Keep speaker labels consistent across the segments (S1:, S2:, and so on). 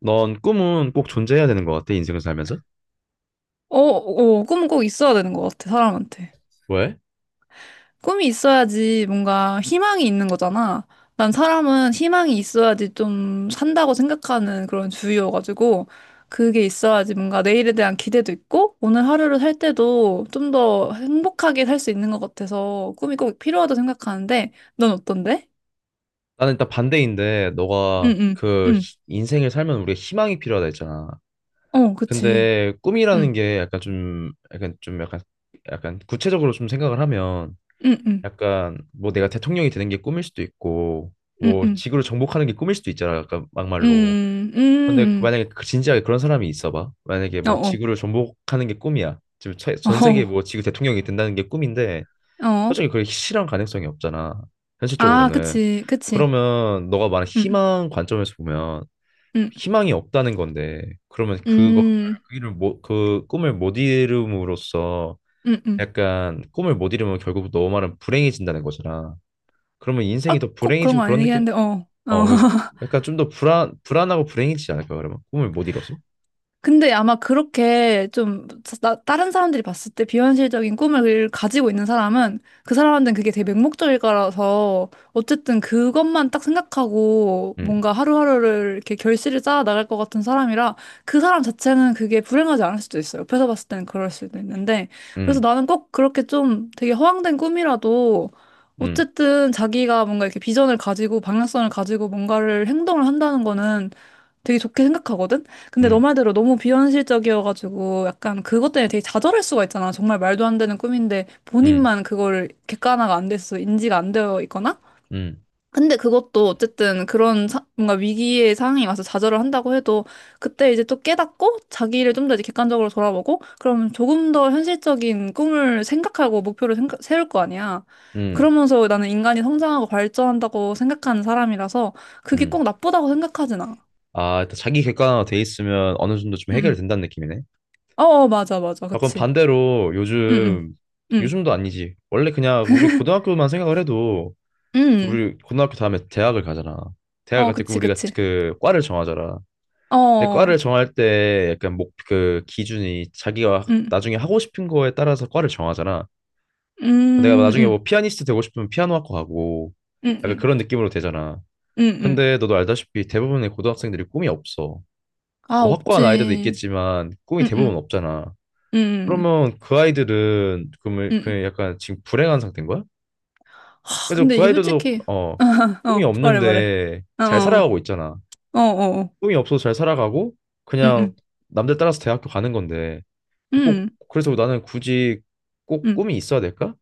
S1: 넌 꿈은 꼭 존재해야 되는 것 같아, 인생을 살면서?
S2: 어, 어, 꿈은 꼭 있어야 되는 것 같아, 사람한테.
S1: 왜?
S2: 꿈이 있어야지 뭔가 희망이 있는 거잖아. 난 사람은 희망이 있어야지 좀 산다고 생각하는 그런 주의여가지고, 그게 있어야지 뭔가 내일에 대한 기대도 있고, 오늘 하루를 살 때도 좀 더 행복하게 살 수 있는 것 같아서 꿈이 꼭 필요하다고 생각하는데, 넌 어떤데?
S1: 나는 일단 반대인데,
S2: 응,
S1: 너가
S2: 응, 응.
S1: 인생을 살면 우리가 희망이 필요하다 했잖아.
S2: 어, 그치.
S1: 근데 꿈이라는
S2: 응,
S1: 게 약간 구체적으로 좀 생각을 하면,
S2: 응, 응.
S1: 약간 뭐 내가 대통령이 되는 게 꿈일 수도 있고,
S2: 응,
S1: 뭐
S2: 응.
S1: 지구를 정복하는 게 꿈일 수도 있잖아, 약간 막말로.
S2: 응응,
S1: 근데 그
S2: 응응.
S1: 만약에 그 진지하게 그런 사람이 있어봐. 만약에
S2: 어,
S1: 뭐
S2: 어.
S1: 지구를 정복하는 게 꿈이야. 지금 전 세계 뭐 지구 대통령이 된다는 게 꿈인데,
S2: 어, 어.
S1: 솔직히 그게 실현 가능성이 없잖아.
S2: 아,
S1: 현실적으로는.
S2: 그치, 그치.
S1: 그러면 너가 말한
S2: 음,
S1: 희망 관점에서 보면
S2: 음.
S1: 희망이 없다는 건데 그러면 그거
S2: 음,
S1: 그 일을 못, 그 꿈을 못 이룸으로써
S2: 음, 음.
S1: 약간 꿈을 못 이루면 결국 너 말은 불행해진다는 거잖아. 그러면 인생이
S2: 아,
S1: 더
S2: 꼭 그런
S1: 불행해지고
S2: 거
S1: 그런
S2: 아니긴
S1: 느낌?
S2: 한데, 어, 어.
S1: 어, 그- 약간 좀 더 불안하고 불행해지지 않을까 그러면 꿈을 못 이뤄서?
S2: 근데 아마 그렇게 좀, 다른 사람들이 봤을 때 비현실적인 꿈을 가지고 있는 사람은 그 사람한테는 그게 되게 맹목적일 거라서, 어쨌든 그것만 딱 생각하고
S1: 응.
S2: 뭔가 하루하루를 이렇게 결실을 쌓아 나갈 것 같은 사람이라 그 사람 자체는 그게 불행하지 않을 수도 있어요. 옆에서 봤을 때는 그럴 수도 있는데, 그래서
S1: 응.
S2: 나는 꼭 그렇게 좀 되게 허황된 꿈이라도
S1: 응.
S2: 어쨌든 자기가 뭔가 이렇게 비전을 가지고 방향성을 가지고 뭔가를 행동을 한다는 거는 되게 좋게 생각하거든?
S1: 응.
S2: 근데 너 말대로 너무 비현실적이어가지고 약간 그것 때문에 되게 좌절할 수가 있잖아. 정말 말도 안 되는 꿈인데
S1: 응.
S2: 본인만 그걸 객관화가 안 됐어, 인지가 안 되어 있거나?
S1: 응.
S2: 근데 그것도 어쨌든 그런 뭔가 위기의 상황이 와서 좌절을 한다고 해도 그때 이제 또 깨닫고 자기를 좀 더 이제 객관적으로 돌아보고, 그러면 조금 더 현실적인 꿈을 생각하고 세울 거 아니야.
S1: 응.
S2: 그러면서 나는 인간이 성장하고 발전한다고 생각하는 사람이라서 그게
S1: 응.
S2: 꼭 나쁘다고 생각하진 않아.
S1: 아, 일단 자기 객관화 돼 있으면 어느 정도 좀 해결된다는 느낌이네.
S2: 어, 어, 맞아, 맞아.
S1: 약간
S2: 그치.
S1: 반대로
S2: 응, 응, 응.
S1: 요즘도 아니지. 원래 그냥 우리 고등학교만 생각을 해도
S2: 응.
S1: 우리 고등학교 다음에 대학을 가잖아.
S2: 응.
S1: 대학
S2: 어,
S1: 갈때
S2: 그치,
S1: 우리가
S2: 그치.
S1: 그 과를 정하잖아. 근데
S2: 어,
S1: 과를
S2: 응,
S1: 정할 때 약간 목 그 기준이 자기가
S2: 응.
S1: 나중에 하고 싶은 거에 따라서 과를 정하잖아. 내가 나중에
S2: 응,
S1: 뭐 피아니스트 되고 싶으면 피아노학과 가고
S2: 응.
S1: 약간
S2: 응,
S1: 그런 느낌으로 되잖아.
S2: 응. 응.
S1: 근데 너도 알다시피 대부분의 고등학생들이 꿈이 없어.
S2: 아,
S1: 뭐 확고한 아이들도
S2: 없지.
S1: 있겠지만 꿈이
S2: 응,
S1: 대부분
S2: 응.
S1: 없잖아.
S2: 응,
S1: 그러면 그 아이들은 그러면
S2: 응.
S1: 그 약간 지금 불행한 상태인 거야?
S2: 아,
S1: 그래도
S2: 근데
S1: 그
S2: 이게
S1: 아이들도
S2: 솔직히.
S1: 어, 꿈이
S2: 어, 말해, 말해.
S1: 없는데
S2: 어,
S1: 잘
S2: 어.
S1: 살아가고 있잖아.
S2: 어, 어. 어.
S1: 꿈이 없어서 잘 살아가고
S2: 응,
S1: 그냥
S2: 응.
S1: 남들 따라서 대학교 가는 건데 꼭
S2: 응,
S1: 그래서 나는 굳이 꼭
S2: 응.
S1: 꿈이 있어야 될까?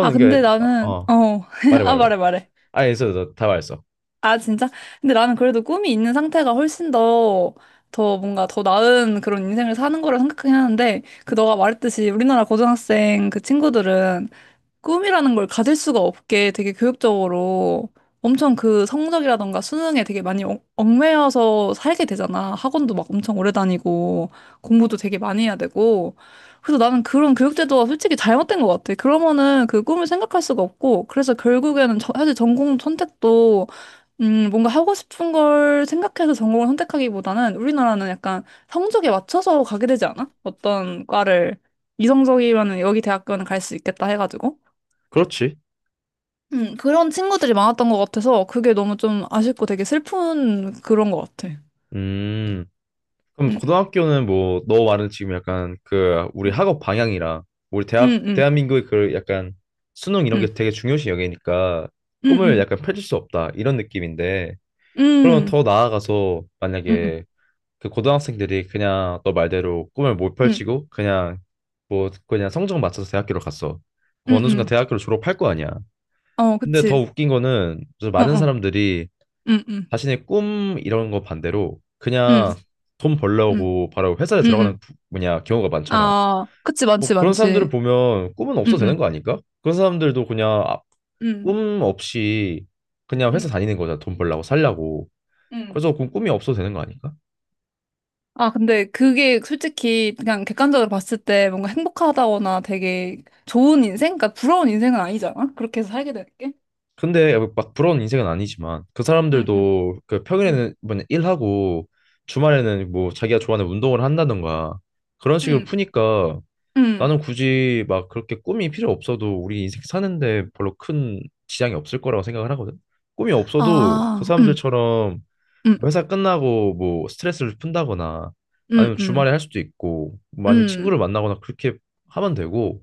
S2: 아,
S1: 게
S2: 근데
S1: 어,
S2: 나는,
S1: 어,
S2: 어.
S1: 말해
S2: 아,
S1: 말해 봐.
S2: 말해, 말해.
S1: 아 있어 다 말했어.
S2: 아, 진짜? 근데 나는 그래도 꿈이 있는 상태가 훨씬 더, 더 뭔가 더 나은 그런 인생을 사는 거라 생각하긴 하는데, 그 너가 말했듯이 우리나라 고등학생 그 친구들은 꿈이라는 걸 가질 수가 없게 되게 교육적으로 엄청 그 성적이라던가 수능에 되게 많이 얽매여서 살게 되잖아. 학원도 막 엄청 오래 다니고 공부도 되게 많이 해야 되고. 그래서 나는 그런 교육제도가 솔직히 잘못된 것 같아. 그러면은 그 꿈을 생각할 수가 없고, 그래서 결국에는 사실 전공 선택도, 뭔가 하고 싶은 걸 생각해서 전공을 선택하기보다는 우리나라는 약간 성적에 맞춰서 가게 되지 않아? 어떤 과를 이성적이면은 여기 대학교는 갈 수 있겠다 해가지고.
S1: 그렇지.
S2: 그런 친구들이 많았던 것 같아서 그게 너무 좀 아쉽고 되게 슬픈 그런 것 같아.
S1: 음. 그럼
S2: 음,
S1: 고등학교는 뭐 너 말은 지금 약간 그 우리
S2: 음.
S1: 학업 방향이랑 우리 대학
S2: 음.
S1: 대한민국의 그 약간 수능 이런 게
S2: 음,
S1: 되게 중요시 여기니까 꿈을
S2: 음.
S1: 약간 펼칠 수 없다 이런 느낌인데 그러면
S2: 음.
S1: 더 나아가서
S2: 음.
S1: 만약에 그 고등학생들이 그냥 너 말대로 꿈을 못
S2: 음,
S1: 펼치고 그냥 뭐 그냥 성적 맞춰서 대학교를 갔어. 그 어느 순간
S2: 음.
S1: 대학교를 졸업할 거 아니야.
S2: 어,
S1: 근데 더
S2: 그치.
S1: 웃긴 거는 좀
S2: 어,
S1: 많은
S2: 어.
S1: 사람들이
S2: 음.
S1: 자신의 꿈 이런 거 반대로
S2: 음,
S1: 그냥 돈
S2: 음.
S1: 벌려고 바로 회사에
S2: 음,
S1: 들어가는
S2: 음.
S1: 뭐냐 경우가 많잖아.
S2: 아, 그치, 많지,
S1: 뭐 그런 사람들을
S2: 많지.
S1: 보면 꿈은 없어 되는 거
S2: 음.
S1: 아닐까? 그런 사람들도 그냥
S2: 음,
S1: 꿈 없이 그냥
S2: 음.
S1: 회사 다니는 거잖아. 돈 벌려고 살려고.
S2: 음.
S1: 그래서 그 꿈이 없어 되는 거 아닐까?
S2: 아, 근데 그게 솔직히 그냥 객관적으로 봤을 때 뭔가 행복하다거나 되게 좋은 인생? 그러니까 부러운 인생은 아니잖아? 그렇게 해서 살게 되는 게.
S1: 근데 막 부러운 인생은 아니지만 그
S2: 음.
S1: 사람들도 그
S2: 음,
S1: 평일에는 뭐냐 일하고 주말에는 뭐 자기가 좋아하는 운동을 한다던가 그런 식으로
S2: 음.
S1: 푸니까
S2: 음.
S1: 나는 굳이 막 그렇게 꿈이 필요 없어도 우리 인생 사는데 별로 큰 지장이 없을 거라고 생각을 하거든. 꿈이 없어도 그
S2: 아,
S1: 사람들처럼
S2: 음.
S1: 회사 끝나고 뭐 스트레스를 푼다거나 아니면
S2: 음.
S1: 주말에 할 수도 있고 뭐 아니면 친구를
S2: 음,
S1: 만나거나 그렇게 하면 되고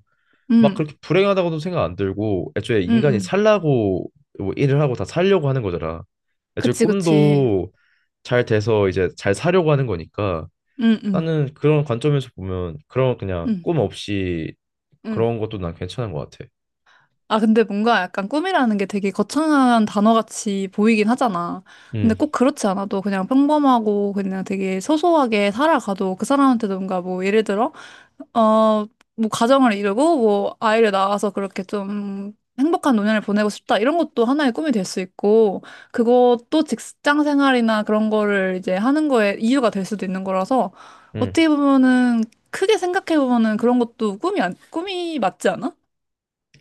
S1: 막
S2: 음.
S1: 그렇게 불행하다고도 생각 안 들고 애초에
S2: 음,
S1: 인간이
S2: 음.
S1: 살라고 뭐 일을 하고 다 살려고 하는 거잖아. 애초에
S2: 그치, 그치.
S1: 꿈도 잘 돼서 이제 잘 사려고 하는 거니까
S2: 음.
S1: 나는 그런 관점에서 보면 그런 그냥
S2: 음,
S1: 꿈 없이
S2: 음.
S1: 그런 것도 난 괜찮은 것 같아.
S2: 아, 근데 뭔가 약간 꿈이라는 게 되게 거창한 단어같이 보이긴 하잖아. 근데
S1: 음.
S2: 꼭 그렇지 않아도 그냥 평범하고 그냥 되게 소소하게 살아가도 그 사람한테도 뭔가 뭐 예를 들어, 어, 뭐 가정을 이루고 뭐 아이를 낳아서 그렇게 좀 행복한 노년을 보내고 싶다. 이런 것도 하나의 꿈이 될 수 있고, 그것도 직장 생활이나 그런 거를 이제 하는 거에 이유가 될 수도 있는 거라서,
S1: 음.
S2: 어떻게 보면은 크게 생각해 보면은 그런 것도 꿈이, 꿈이 맞지 않아?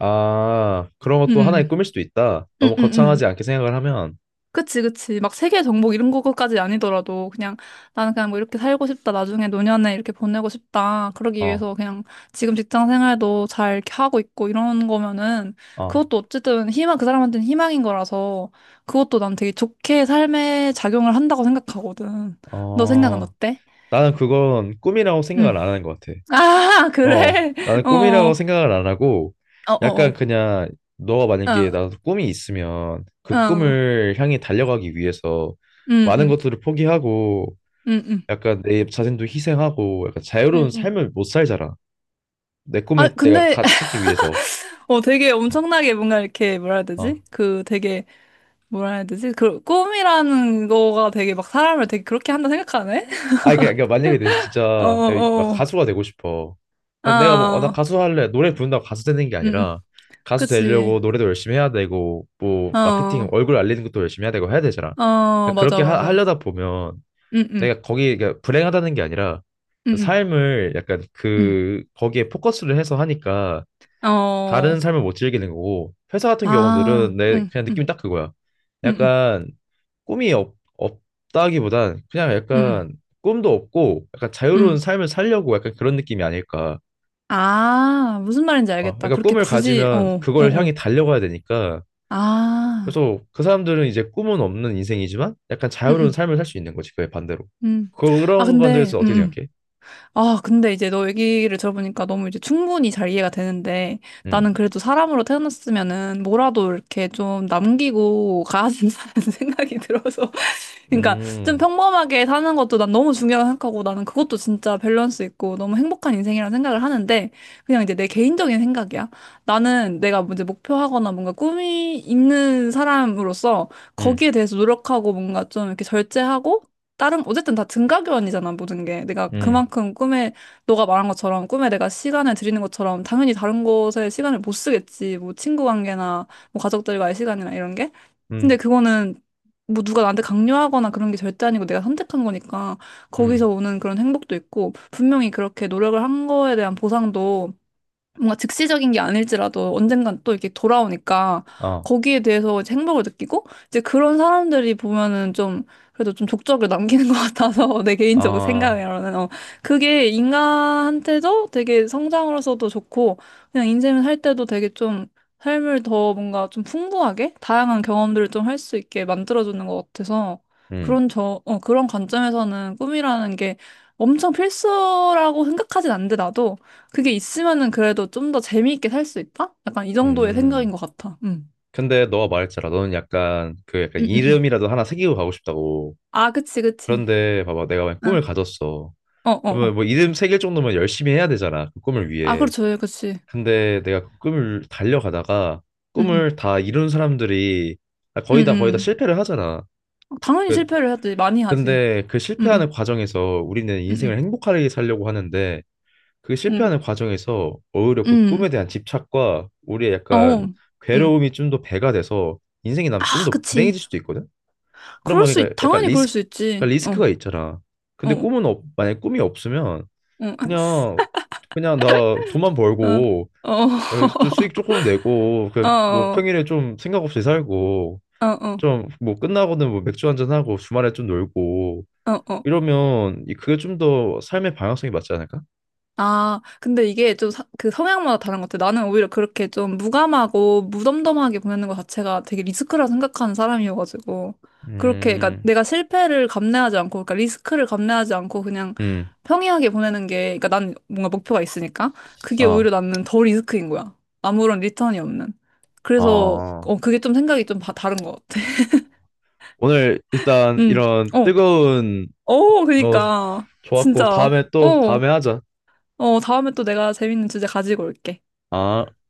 S1: 아, 그런 것도 하나의
S2: 음.
S1: 꿈일 수도 있다. 너무
S2: 응응응.
S1: 거창하지 않게 생각을 하면,
S2: 그치, 그치. 막 세계 정복 이런 거까지 아니더라도 그냥 나는 그냥 뭐 이렇게 살고 싶다. 나중에 노년에 이렇게 보내고 싶다. 그러기
S1: 어,
S2: 위해서 그냥 지금 직장 생활도 잘 이렇게 하고 있고 이런 거면은
S1: 어,
S2: 그것도 어쨌든 희망, 그 사람한테는 희망인 거라서 그것도 난 되게 좋게 삶에 작용을 한다고 생각하거든. 너 생각은
S1: 어.
S2: 어때?
S1: 나는 그건 꿈이라고 생각을
S2: 응.
S1: 안 하는 것 같아.
S2: 아,
S1: 어,
S2: 그래?
S1: 나는
S2: 어,
S1: 꿈이라고
S2: 어.
S1: 생각을 안 하고,
S2: 어,
S1: 약간
S2: 어.
S1: 그냥 너가 만약에
S2: 어,
S1: 나도 꿈이 있으면 그
S2: 어.
S1: 꿈을 향해 달려가기 위해서
S2: 응,
S1: 많은
S2: 응,
S1: 것들을 포기하고
S2: 응. 응,
S1: 약간 내 자신도 희생하고 약간 자유로운
S2: 응. 응.
S1: 삶을 못 살잖아. 내
S2: 아,
S1: 꿈을 내가
S2: 근데
S1: 찾기 위해서.
S2: 어, 되게 엄청나게 뭔가 이렇게 뭐라 해야
S1: 어.
S2: 되지? 그 되게 뭐라 해야 되지? 그 꿈이라는 거가 되게 막 사람을 되게 그렇게 한다 생각하네?
S1: 아, 그러니까 그러니까 만약에 내
S2: 어,
S1: 진짜 내가 막
S2: 어.
S1: 가수가 되고 싶어. 그럼 내가 뭐, 어, 나
S2: 아,
S1: 가수 할래. 노래 부른다고 가수 되는 게
S2: 응응.
S1: 아니라 가수
S2: 그치.
S1: 되려고 노래도 열심히 해야 되고, 뭐, 마케팅,
S2: 어,
S1: 얼굴 알리는 것도 열심히 해야 되고 해야 되잖아.
S2: 어,
S1: 그러니까
S2: 맞아,
S1: 그렇게
S2: 맞아.
S1: 하려다 보면
S2: 응응,
S1: 내가 거기 그러니까 불행하다는 게 아니라
S2: 응응,
S1: 삶을 약간
S2: 응응.
S1: 그, 거기에 포커스를 해서 하니까
S2: 어,
S1: 다른 삶을 못 즐기게 된 거고 회사 같은
S2: 아,
S1: 경우들은 내
S2: 응응.
S1: 그냥 느낌이 딱 그거야.
S2: 응응,
S1: 약간 없다기보단 그냥
S2: 응 응.
S1: 약간 꿈도 없고 약간 자유로운 삶을 살려고 약간 그런 느낌이 아닐까.
S2: 아, 무슨 말인지
S1: 어,
S2: 알겠다.
S1: 그러니까
S2: 그렇게
S1: 꿈을
S2: 굳이, 어,
S1: 가지면
S2: 어,
S1: 그걸 향해
S2: 어.
S1: 달려가야 되니까
S2: 아,
S1: 그래서 그 사람들은 이제 꿈은 없는 인생이지만 약간 자유로운
S2: 응응,
S1: 삶을 살 수 있는 거지 그게 반대로.
S2: 응응. 아,
S1: 그런 건에
S2: 근데,
S1: 대해서 어떻게
S2: 응응.
S1: 생각해?
S2: 아, 근데 이제 너 얘기를 들어보니까 너무 이제 충분히 잘 이해가 되는데, 나는
S1: 음.
S2: 그래도 사람으로 태어났으면은 뭐라도 이렇게 좀 남기고 가야 된다는 생각이 들어서, 그러니까 좀
S1: 음.
S2: 평범하게 사는 것도 난 너무 중요하다고 생각하고, 나는 그것도 진짜 밸런스 있고 너무 행복한 인생이라는 생각을 하는데, 그냥 이제 내 개인적인 생각이야. 나는 내가 이제 목표하거나 뭔가 꿈이 있는 사람으로서
S1: 음.
S2: 거기에 대해서 노력하고 뭔가 좀 이렇게 절제하고 다른, 어쨌든 다 등가교환이잖아, 모든 게. 내가
S1: 음.
S2: 그만큼 꿈에, 너가 말한 것처럼 꿈에 내가 시간을 들이는 것처럼 당연히 다른 곳에 시간을 못 쓰겠지, 뭐 친구 관계나 뭐 가족들과의 시간이나 이런 게. 근데
S1: 음.
S2: 그거는 뭐 누가 나한테 강요하거나 그런 게 절대 아니고 내가 선택한 거니까 거기서
S1: 음.
S2: 오는 그런 행복도 있고, 분명히 그렇게 노력을 한 거에 대한 보상도 뭔가 즉시적인 게 아닐지라도 언젠간 또 이렇게 돌아오니까
S1: 아.
S2: 거기에 대해서 이제 행복을 느끼고. 이제 그런 사람들이 보면은 좀, 그래도 좀 족적을 남기는 것 같아서 내 개인적
S1: 아.
S2: 생각으로는, 어, 그게 인간한테도 되게 성장으로서도 좋고, 그냥 인생을 살 때도 되게 좀 삶을 더 뭔가 좀 풍부하게 다양한 경험들을 좀 할 수 있게 만들어주는 것 같아서,
S1: 음.
S2: 그런 저, 어, 그런 관점에서는 꿈이라는 게 엄청 필수라고 생각하진 않는데 나도, 그게 있으면은 그래도 좀 더 재미있게 살 수 있다? 약간 이 정도의 생각인
S1: 음.
S2: 것 같아. 응.
S1: 근데 너가 말했잖아. 너는 약간 그 약간
S2: 응, 응, 응.
S1: 이름이라도 하나 새기고 가고 싶다고.
S2: 아, 그치, 그치.
S1: 그런데 봐봐, 내가 만약
S2: 응.
S1: 꿈을 가졌어.
S2: 어, 어, 어.
S1: 그러면 뭐 이름 새길 정도면 열심히 해야 되잖아. 그 꿈을
S2: 아,
S1: 위해.
S2: 그렇죠. 예, 그치.
S1: 근데 내가 그 꿈을 달려가다가
S2: 응, 응.
S1: 꿈을 다 이룬 사람들이
S2: 응,
S1: 거의 다
S2: 응.
S1: 실패를 하잖아.
S2: 응. 당연히
S1: 그-
S2: 실패를 하지. 많이 하지.
S1: 근데 그
S2: 응,
S1: 실패하는
S2: 응.
S1: 과정에서 우리는 인생을
S2: 응,
S1: 행복하게 살려고 하는데 그
S2: 응.
S1: 실패하는 과정에서 오히려
S2: 응.
S1: 그 꿈에
S2: 응.
S1: 대한 집착과 우리의
S2: 어.
S1: 약간
S2: 응. 응.
S1: 괴로움이 좀 더 배가 돼서 인생이 난 좀
S2: 아,
S1: 더
S2: 그치.
S1: 불행해질 수도 있거든.
S2: 그럴
S1: 그러면
S2: 수, 있,
S1: 그러니까 약간
S2: 당연히 그럴
S1: 리스크
S2: 수 있지.
S1: 그러니까
S2: 어,
S1: 리스크가 있잖아. 근데
S2: 어,
S1: 만약에 꿈이 없으면
S2: 어.
S1: 그냥 그냥 나 돈만
S2: 어,
S1: 벌고
S2: 어.
S1: 어, 좀 수익 조금 내고
S2: 어,
S1: 그 뭐
S2: 어.
S1: 평일에 좀 생각 없이 살고
S2: 어, 어.
S1: 좀 뭐 끝나고는 뭐 맥주 한잔 하고 주말에 좀 놀고
S2: 어, 어.
S1: 이러면 그게 좀 더 삶의 방향성이 맞지 않을까?
S2: 아, 근데 이게 좀 그 성향마다 다른 것 같아. 나는 오히려 그렇게 좀 무감하고 무덤덤하게 보내는 것 자체가 되게 리스크라 생각하는 사람이어가지고. 그렇게, 그러니까
S1: 음.
S2: 내가 실패를 감내하지 않고, 그러니까 리스크를 감내하지 않고 그냥
S1: 음.
S2: 평이하게 보내는 게, 그러니까 난 뭔가 목표가 있으니까 그게
S1: 아.
S2: 오히려 나는 덜 리스크인 거야. 아무런 리턴이 없는. 그래서,
S1: 아.
S2: 어, 그게 좀 생각이 좀 다른 것 같아.
S1: 오늘 일단
S2: 응,
S1: 이런
S2: 어,
S1: 뜨거운
S2: 어,
S1: 어,
S2: 그니까.
S1: 좋았고
S2: 진짜. 어,
S1: 다음에 하자.
S2: 어, 다음에 또 내가 재밌는 주제 가지고 올게.
S1: 아.